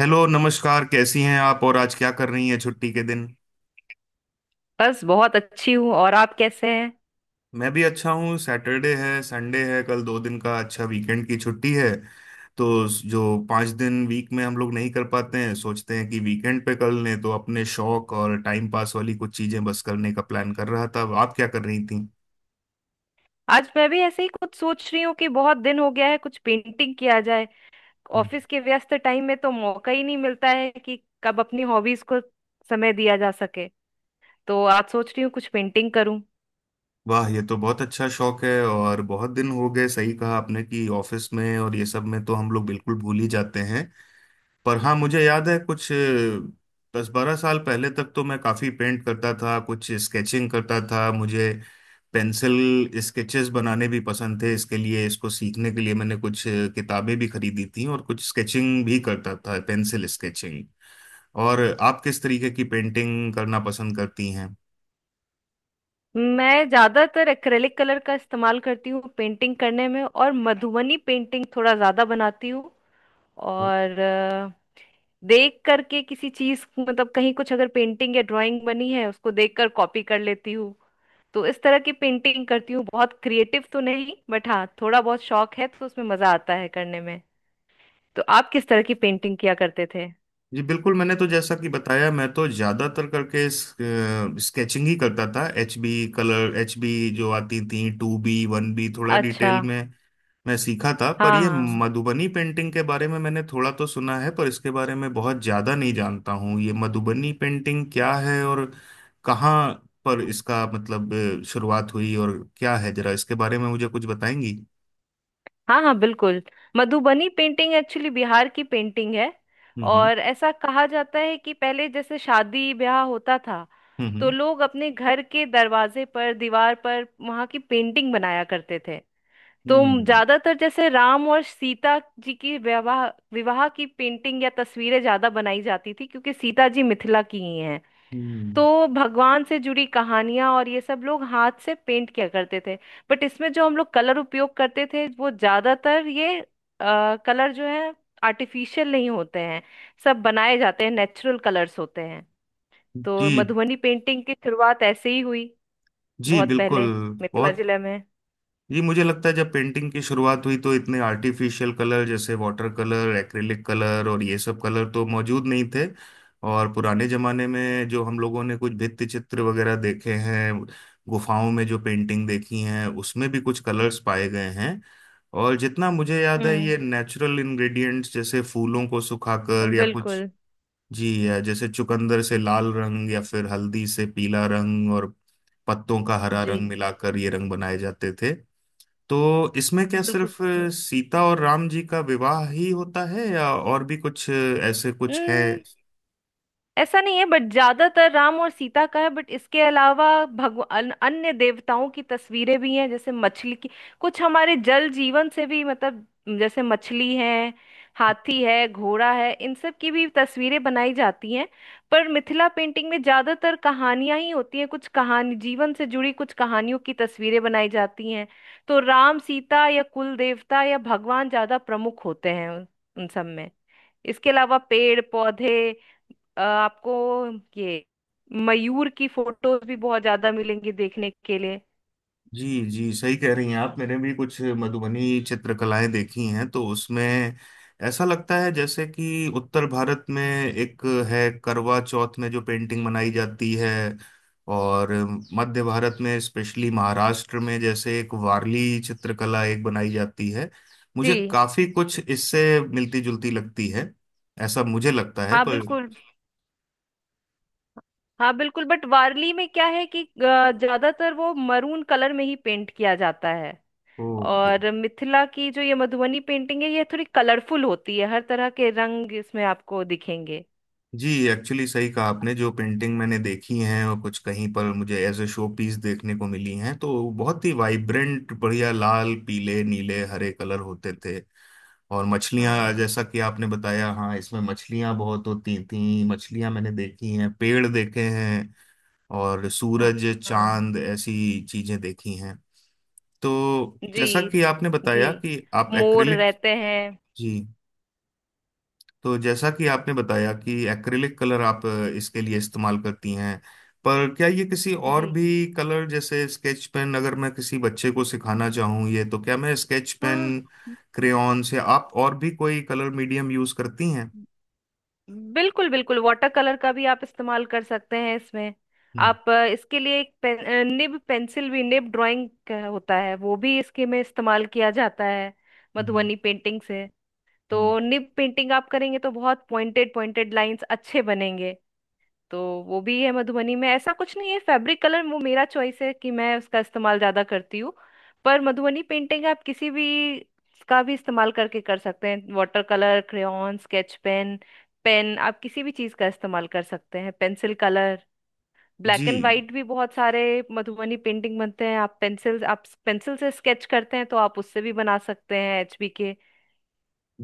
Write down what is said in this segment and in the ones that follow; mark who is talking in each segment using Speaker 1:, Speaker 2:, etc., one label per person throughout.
Speaker 1: Hello नमस्कार, कैसी हैं आप? और आज क्या कर रही हैं छुट्टी के दिन?
Speaker 2: बस बहुत अच्छी हूँ। और आप कैसे हैं?
Speaker 1: मैं भी अच्छा हूँ। सैटरडे है, संडे है, कल दो दिन का अच्छा वीकेंड की छुट्टी है। तो जो पाँच दिन वीक में हम लोग नहीं कर पाते हैं, सोचते हैं कि वीकेंड पे कर लें, तो अपने शौक और टाइम पास वाली कुछ चीज़ें बस करने का प्लान कर रहा था। आप क्या कर रही थी?
Speaker 2: आज मैं भी ऐसे ही कुछ सोच रही हूँ कि बहुत दिन हो गया है, कुछ पेंटिंग किया जाए।
Speaker 1: हम्म।
Speaker 2: ऑफिस के व्यस्त टाइम में तो मौका ही नहीं मिलता है कि कब अपनी हॉबीज को समय दिया जा सके। तो आज सोच रही हूँ कुछ पेंटिंग करूँ।
Speaker 1: वाह, ये तो बहुत अच्छा शौक है। और बहुत दिन हो गए, सही कहा आपने कि ऑफिस में और ये सब में तो हम लोग बिल्कुल भूल ही जाते हैं। पर हाँ, मुझे याद है कुछ 10-12 साल पहले तक तो मैं काफी पेंट करता था, कुछ स्केचिंग करता था। मुझे पेंसिल स्केचेस बनाने भी पसंद थे। इसके लिए, इसको सीखने के लिए मैंने कुछ किताबें भी खरीदी थी और कुछ स्केचिंग भी करता था, पेंसिल स्केचिंग। और आप किस तरीके की पेंटिंग करना पसंद करती हैं?
Speaker 2: मैं ज्यादातर एक्रेलिक कलर का इस्तेमाल करती हूँ पेंटिंग करने में, और मधुबनी पेंटिंग थोड़ा ज्यादा बनाती हूँ। और देख करके किसी चीज मतलब, कहीं कुछ अगर पेंटिंग या ड्राइंग बनी है उसको देख कर कॉपी कर लेती हूँ। तो इस तरह की पेंटिंग करती हूँ। बहुत क्रिएटिव तो नहीं, बट हाँ थोड़ा बहुत शौक है तो उसमें मजा आता है करने में। तो आप किस तरह की पेंटिंग किया करते थे?
Speaker 1: जी बिल्कुल। मैंने तो जैसा कि बताया, मैं तो ज़्यादातर करके स्केचिंग ही करता था। HB कलर, HB जो आती थी, 2B, 1B, थोड़ा
Speaker 2: अच्छा।
Speaker 1: डिटेल में मैं सीखा था। पर
Speaker 2: हाँ
Speaker 1: ये
Speaker 2: हाँ।
Speaker 1: मधुबनी पेंटिंग के बारे में मैंने थोड़ा तो सुना है, पर इसके बारे में बहुत ज्यादा नहीं जानता हूँ। ये मधुबनी पेंटिंग क्या है, और कहाँ पर इसका मतलब शुरुआत हुई और क्या है? जरा इसके बारे में मुझे कुछ बताएंगी।
Speaker 2: हाँ हाँ बिल्कुल। मधुबनी पेंटिंग एक्चुअली बिहार की पेंटिंग है।
Speaker 1: हम्म।
Speaker 2: और ऐसा कहा जाता है कि पहले जैसे शादी ब्याह होता था,
Speaker 1: हम्म।
Speaker 2: तो
Speaker 1: हम्म।
Speaker 2: लोग अपने घर के दरवाजे पर, दीवार पर वहाँ की पेंटिंग बनाया करते थे। तुम
Speaker 1: हम्म,
Speaker 2: ज्यादातर जैसे राम और सीता जी की विवाह विवाह की पेंटिंग या तस्वीरें ज्यादा बनाई जाती थी, क्योंकि सीता जी मिथिला की ही हैं।
Speaker 1: हम्म,
Speaker 2: तो भगवान से जुड़ी कहानियां और ये सब लोग हाथ से पेंट किया करते थे। बट इसमें जो हम लोग कलर उपयोग करते थे वो ज्यादातर ये कलर जो है, आर्टिफिशियल नहीं होते हैं। सब बनाए जाते हैं, नेचुरल कलर्स होते हैं। तो
Speaker 1: जी।
Speaker 2: मधुबनी पेंटिंग की शुरुआत ऐसे ही हुई,
Speaker 1: जी
Speaker 2: बहुत पहले
Speaker 1: बिल्कुल।
Speaker 2: मिथिला
Speaker 1: बहुत,
Speaker 2: जिले में।
Speaker 1: ये मुझे लगता है जब पेंटिंग की शुरुआत हुई तो इतने आर्टिफिशियल कलर, जैसे वाटर कलर, एक्रेलिक कलर और ये सब कलर तो मौजूद नहीं थे। और पुराने जमाने में जो हम लोगों ने कुछ भित्ति चित्र वगैरह देखे हैं, गुफाओं में जो पेंटिंग देखी हैं, उसमें भी कुछ कलर्स पाए गए हैं। और जितना मुझे याद है,
Speaker 2: हम्म
Speaker 1: ये नेचुरल इंग्रेडिएंट्स, जैसे फूलों को सुखाकर या कुछ,
Speaker 2: बिल्कुल।
Speaker 1: जी, या जैसे चुकंदर से लाल रंग या फिर हल्दी से पीला रंग और पत्तों का हरा
Speaker 2: जी
Speaker 1: रंग मिलाकर ये रंग बनाए जाते थे। तो इसमें क्या
Speaker 2: बिल्कुल
Speaker 1: सिर्फ
Speaker 2: बिल्कुल।
Speaker 1: सीता और राम जी का विवाह ही होता है या और भी कुछ ऐसे कुछ है?
Speaker 2: हम्म, ऐसा नहीं है, बट ज्यादातर राम और सीता का है। बट इसके अलावा भगवान अन्य देवताओं की तस्वीरें भी हैं, जैसे मछली की। कुछ हमारे जल जीवन से भी, मतलब जैसे मछली है, हाथी है, घोड़ा है, इन सब की भी तस्वीरें बनाई जाती हैं। पर मिथिला पेंटिंग में ज्यादातर कहानियां ही होती हैं, कुछ कहानी जीवन से जुड़ी, कुछ कहानियों की तस्वीरें बनाई जाती हैं। तो राम सीता या कुल देवता या भगवान ज्यादा प्रमुख होते हैं उन उन सब में। इसके अलावा पेड़ पौधे, आपको ये मयूर की फोटोज भी बहुत ज्यादा मिलेंगी देखने के लिए।
Speaker 1: जी जी, सही कह रही हैं आप। मैंने भी कुछ मधुबनी चित्रकलाएं देखी हैं तो उसमें ऐसा लगता है जैसे कि उत्तर भारत में एक है, करवा चौथ में जो पेंटिंग बनाई जाती है, और मध्य भारत में स्पेशली महाराष्ट्र में जैसे एक वारली चित्रकला एक बनाई जाती है,
Speaker 2: जी।
Speaker 1: मुझे काफी कुछ इससे मिलती जुलती लगती है। ऐसा मुझे लगता है,
Speaker 2: हाँ
Speaker 1: पर
Speaker 2: बिल्कुल। हाँ बिल्कुल, बट वारली में क्या है कि ज्यादातर वो मरून कलर में ही पेंट किया जाता है।
Speaker 1: ओके।
Speaker 2: और मिथिला की जो ये मधुबनी पेंटिंग है, ये थोड़ी कलरफुल होती है, हर तरह के रंग इसमें आपको दिखेंगे।
Speaker 1: जी, एक्चुअली सही कहा आपने। जो पेंटिंग मैंने देखी हैं और कुछ कहीं पर मुझे एज ए शो पीस देखने को मिली हैं, तो बहुत ही वाइब्रेंट, बढ़िया लाल, पीले, नीले, हरे कलर होते थे। और मछलियां,
Speaker 2: हाँ
Speaker 1: जैसा कि आपने बताया, हाँ, इसमें मछलियां बहुत होती थी। मछलियां मैंने देखी हैं, पेड़ देखे हैं और
Speaker 2: हाँ।
Speaker 1: सूरज,
Speaker 2: हाँ।
Speaker 1: चांद, ऐसी चीजें देखी हैं। तो
Speaker 2: जी
Speaker 1: जैसा कि आपने
Speaker 2: जी,
Speaker 1: बताया कि आप
Speaker 2: मोर
Speaker 1: एक्रिलिक,
Speaker 2: रहते हैं।
Speaker 1: जी, तो जैसा कि आपने बताया कि एक्रिलिक कलर आप इसके लिए इस्तेमाल करती हैं, पर क्या ये किसी और
Speaker 2: जी।
Speaker 1: भी कलर, जैसे स्केच पेन, अगर मैं किसी बच्चे को सिखाना चाहूँ ये, तो क्या मैं स्केच पेन,
Speaker 2: हाँ।
Speaker 1: क्रेयॉन से, आप और भी कोई कलर मीडियम यूज करती हैं?
Speaker 2: बिल्कुल बिल्कुल, वाटर कलर का भी आप इस्तेमाल कर सकते हैं इसमें।
Speaker 1: हम्म।
Speaker 2: आप इसके लिए एक निब पेंसिल भी, निब ड्राइंग होता है, वो भी इसके में इस्तेमाल किया जाता है
Speaker 1: हम्म,
Speaker 2: मधुबनी पेंटिंग से।
Speaker 1: हम्म।
Speaker 2: तो निब पेंटिंग आप करेंगे तो बहुत पॉइंटेड पॉइंटेड लाइंस अच्छे बनेंगे। तो वो भी है मधुबनी में, ऐसा कुछ नहीं है। फैब्रिक कलर वो मेरा चॉइस है कि मैं उसका इस्तेमाल ज्यादा करती हूँ। पर मधुबनी पेंटिंग आप किसी भी का भी इस्तेमाल करके कर सकते हैं: water colour, crayon, sketch pen. Pen आप किसी भी चीज का इस्तेमाल कर सकते हैं, पेंसिल कलर, ब्लैक एंड
Speaker 1: जी
Speaker 2: वाइट भी बहुत सारे मधुबनी पेंटिंग बनते हैं। आप पेंसिल, आप पेंसिल से स्केच करते हैं तो आप उससे भी बना सकते हैं, एचबी के।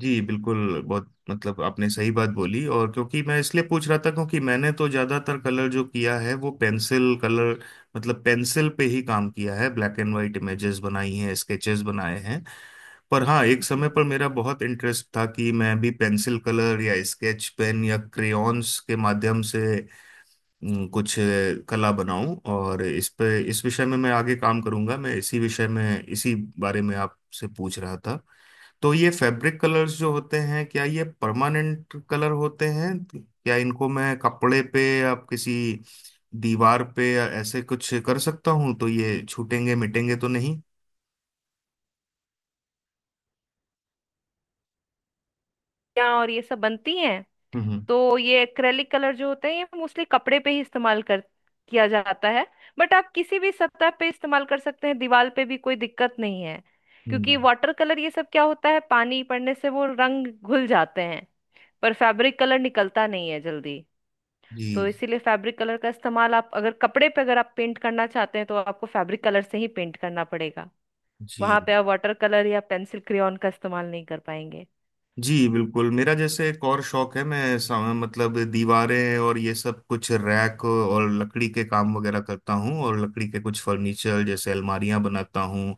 Speaker 1: जी, बिल्कुल। बहुत मतलब आपने सही बात बोली। और क्योंकि मैं इसलिए पूछ रहा था क्योंकि मैंने तो ज़्यादातर कलर जो किया है वो पेंसिल कलर, मतलब पेंसिल पे ही काम किया है। ब्लैक एंड वाइट इमेजेस बनाई हैं, स्केचेस बनाए हैं। पर हाँ, एक समय
Speaker 2: जी।
Speaker 1: पर मेरा बहुत इंटरेस्ट था कि मैं भी पेंसिल कलर या स्केच पेन या क्रेयॉन्स के माध्यम से कुछ कला बनाऊं। और इस पे, इस विषय में मैं आगे काम करूंगा। मैं इसी विषय में, इसी बारे में आपसे पूछ रहा था। तो ये फैब्रिक कलर्स जो होते हैं, क्या ये परमानेंट कलर होते हैं? क्या इनको मैं कपड़े पे या किसी दीवार पे या ऐसे कुछ कर सकता हूँ, तो ये छूटेंगे, मिटेंगे तो नहीं?
Speaker 2: क्या और ये सब बनती हैं।
Speaker 1: हम्म।
Speaker 2: तो ये एक्रेलिक कलर जो होते हैं ये मोस्टली कपड़े पे ही इस्तेमाल कर किया जाता है। बट आप किसी भी सतह पे इस्तेमाल कर सकते हैं, दीवार पे भी कोई दिक्कत नहीं है। क्योंकि
Speaker 1: हम्म।
Speaker 2: वाटर कलर, ये सब क्या होता है, पानी पड़ने से वो रंग घुल जाते हैं। पर फैब्रिक कलर निकलता नहीं है जल्दी।
Speaker 1: जी।
Speaker 2: तो इसीलिए फैब्रिक कलर का इस्तेमाल, आप अगर कपड़े पे अगर आप पेंट करना चाहते हैं तो आपको फैब्रिक कलर से ही पेंट करना पड़ेगा।
Speaker 1: जी
Speaker 2: वहां पे आप वाटर कलर या पेंसिल क्रेयॉन का इस्तेमाल नहीं कर पाएंगे।
Speaker 1: जी बिल्कुल। मेरा जैसे एक और शौक है, मैं मतलब दीवारें और ये सब कुछ, रैक और लकड़ी के काम वगैरह करता हूँ, और लकड़ी के कुछ फर्नीचर जैसे अलमारियां बनाता हूँ,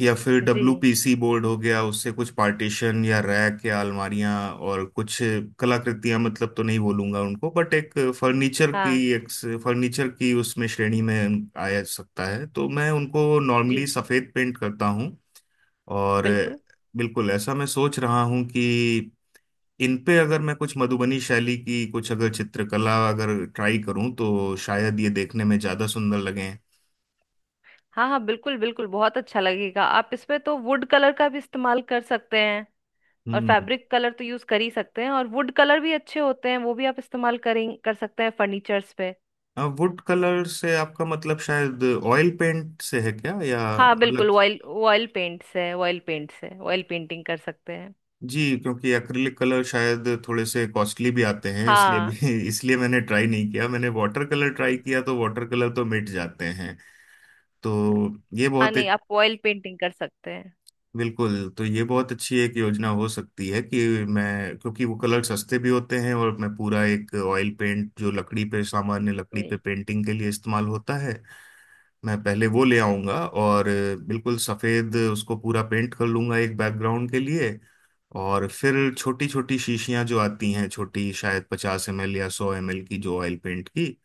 Speaker 1: या फिर
Speaker 2: जी।
Speaker 1: WPC बोर्ड हो गया, उससे कुछ पार्टीशन या रैक या अलमारियां और कुछ कलाकृतियां, मतलब तो नहीं बोलूंगा उनको, बट एक फर्नीचर की,
Speaker 2: हाँ।
Speaker 1: एक उसमें श्रेणी में आया सकता है। तो मैं उनको
Speaker 2: जी
Speaker 1: नॉर्मली सफेद पेंट करता हूँ। और
Speaker 2: बिल्कुल।
Speaker 1: बिल्कुल ऐसा मैं सोच रहा हूँ कि इन पे अगर मैं कुछ मधुबनी शैली की, कुछ अगर चित्रकला अगर ट्राई करूँ, तो शायद ये देखने में ज्यादा सुंदर लगे।
Speaker 2: हाँ हाँ बिल्कुल बिल्कुल, बहुत अच्छा लगेगा। आप इसमें तो वुड कलर का भी इस्तेमाल कर सकते हैं। और
Speaker 1: हम्म।
Speaker 2: फैब्रिक कलर तो यूज कर ही सकते हैं, और वुड कलर भी अच्छे होते हैं, वो भी आप इस्तेमाल करें, कर सकते हैं फर्नीचर्स पे।
Speaker 1: वुड कलर से आपका मतलब शायद ऑयल पेंट से है क्या, या
Speaker 2: हाँ
Speaker 1: अलग?
Speaker 2: बिल्कुल, ऑयल ऑयल पेंट से ऑयल पेंट से ऑयल पेंटिंग कर सकते हैं।
Speaker 1: जी, क्योंकि एक्रिलिक कलर शायद थोड़े से कॉस्टली भी आते हैं, इसलिए भी
Speaker 2: हाँ
Speaker 1: इसलिए मैंने ट्राई नहीं किया। मैंने वाटर कलर ट्राई किया तो वाटर कलर तो मिट जाते हैं। तो ये
Speaker 2: हाँ,
Speaker 1: बहुत
Speaker 2: नहीं
Speaker 1: एक,
Speaker 2: आप ऑयल पेंटिंग कर सकते हैं।
Speaker 1: बिल्कुल, तो ये बहुत अच्छी एक योजना हो सकती है कि मैं, क्योंकि वो कलर सस्ते भी होते हैं, और मैं पूरा एक ऑयल पेंट जो लकड़ी पे, सामान्य लकड़ी पे
Speaker 2: जी
Speaker 1: पेंटिंग के लिए इस्तेमाल होता है, मैं पहले वो ले आऊंगा और बिल्कुल सफेद उसको पूरा पेंट कर लूंगा एक बैकग्राउंड के लिए। और फिर छोटी छोटी शीशियां जो आती हैं, छोटी शायद 50 ml या 100 ml की, जो ऑयल पेंट की,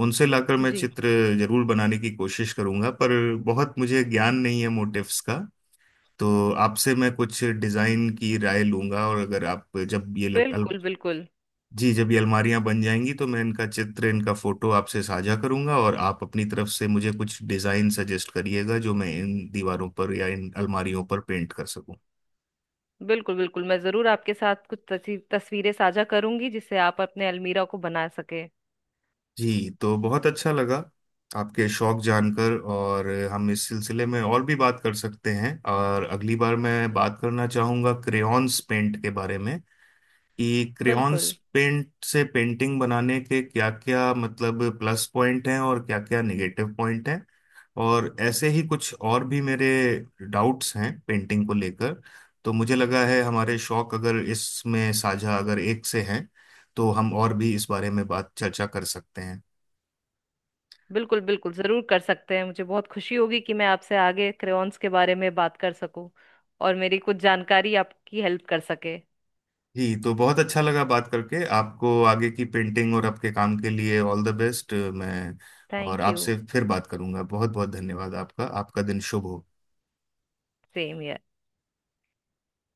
Speaker 1: उनसे लाकर मैं
Speaker 2: जी
Speaker 1: चित्र जरूर बनाने की कोशिश करूंगा। पर बहुत मुझे ज्ञान नहीं है मोटिव्स का, तो आपसे मैं कुछ डिजाइन की राय लूंगा। और अगर आप जब ये
Speaker 2: बिल्कुल बिल्कुल।
Speaker 1: जी, जब ये अलमारियां बन जाएंगी तो मैं इनका चित्र, इनका फोटो आपसे साझा करूंगा, और आप अपनी तरफ से मुझे कुछ डिजाइन सजेस्ट करिएगा जो मैं इन दीवारों पर या इन अलमारियों पर पेंट कर सकूं।
Speaker 2: बिल्कुल बिल्कुल, मैं जरूर आपके साथ कुछ तस्वीरें साझा करूंगी, जिससे आप अपने अलमीरा को बना सके।
Speaker 1: जी, तो बहुत अच्छा लगा आपके शौक जानकर। और हम इस सिलसिले में और भी बात कर सकते हैं, और अगली बार मैं बात करना चाहूंगा क्रेयॉन्स पेंट के बारे में, कि क्रेयॉन्स
Speaker 2: बिल्कुल
Speaker 1: पेंट से पेंटिंग बनाने के क्या क्या मतलब प्लस पॉइंट हैं और क्या क्या नेगेटिव पॉइंट हैं। और ऐसे ही कुछ और भी मेरे डाउट्स हैं पेंटिंग को लेकर। तो मुझे लगा है, हमारे शौक अगर इसमें साझा अगर एक से हैं, तो हम और भी इस बारे में बात, चर्चा कर सकते हैं।
Speaker 2: बिल्कुल बिल्कुल, जरूर कर सकते हैं। मुझे बहुत खुशी होगी कि मैं आपसे आगे क्रेयॉन्स के बारे में बात कर सकूं, और मेरी कुछ जानकारी आपकी हेल्प कर सके।
Speaker 1: जी, तो बहुत अच्छा लगा बात करके। आपको आगे की पेंटिंग और आपके काम के लिए ऑल द बेस्ट। मैं, और
Speaker 2: थैंक यू।
Speaker 1: आपसे फिर बात करूंगा। बहुत बहुत धन्यवाद आपका। आपका दिन शुभ हो।
Speaker 2: सेम।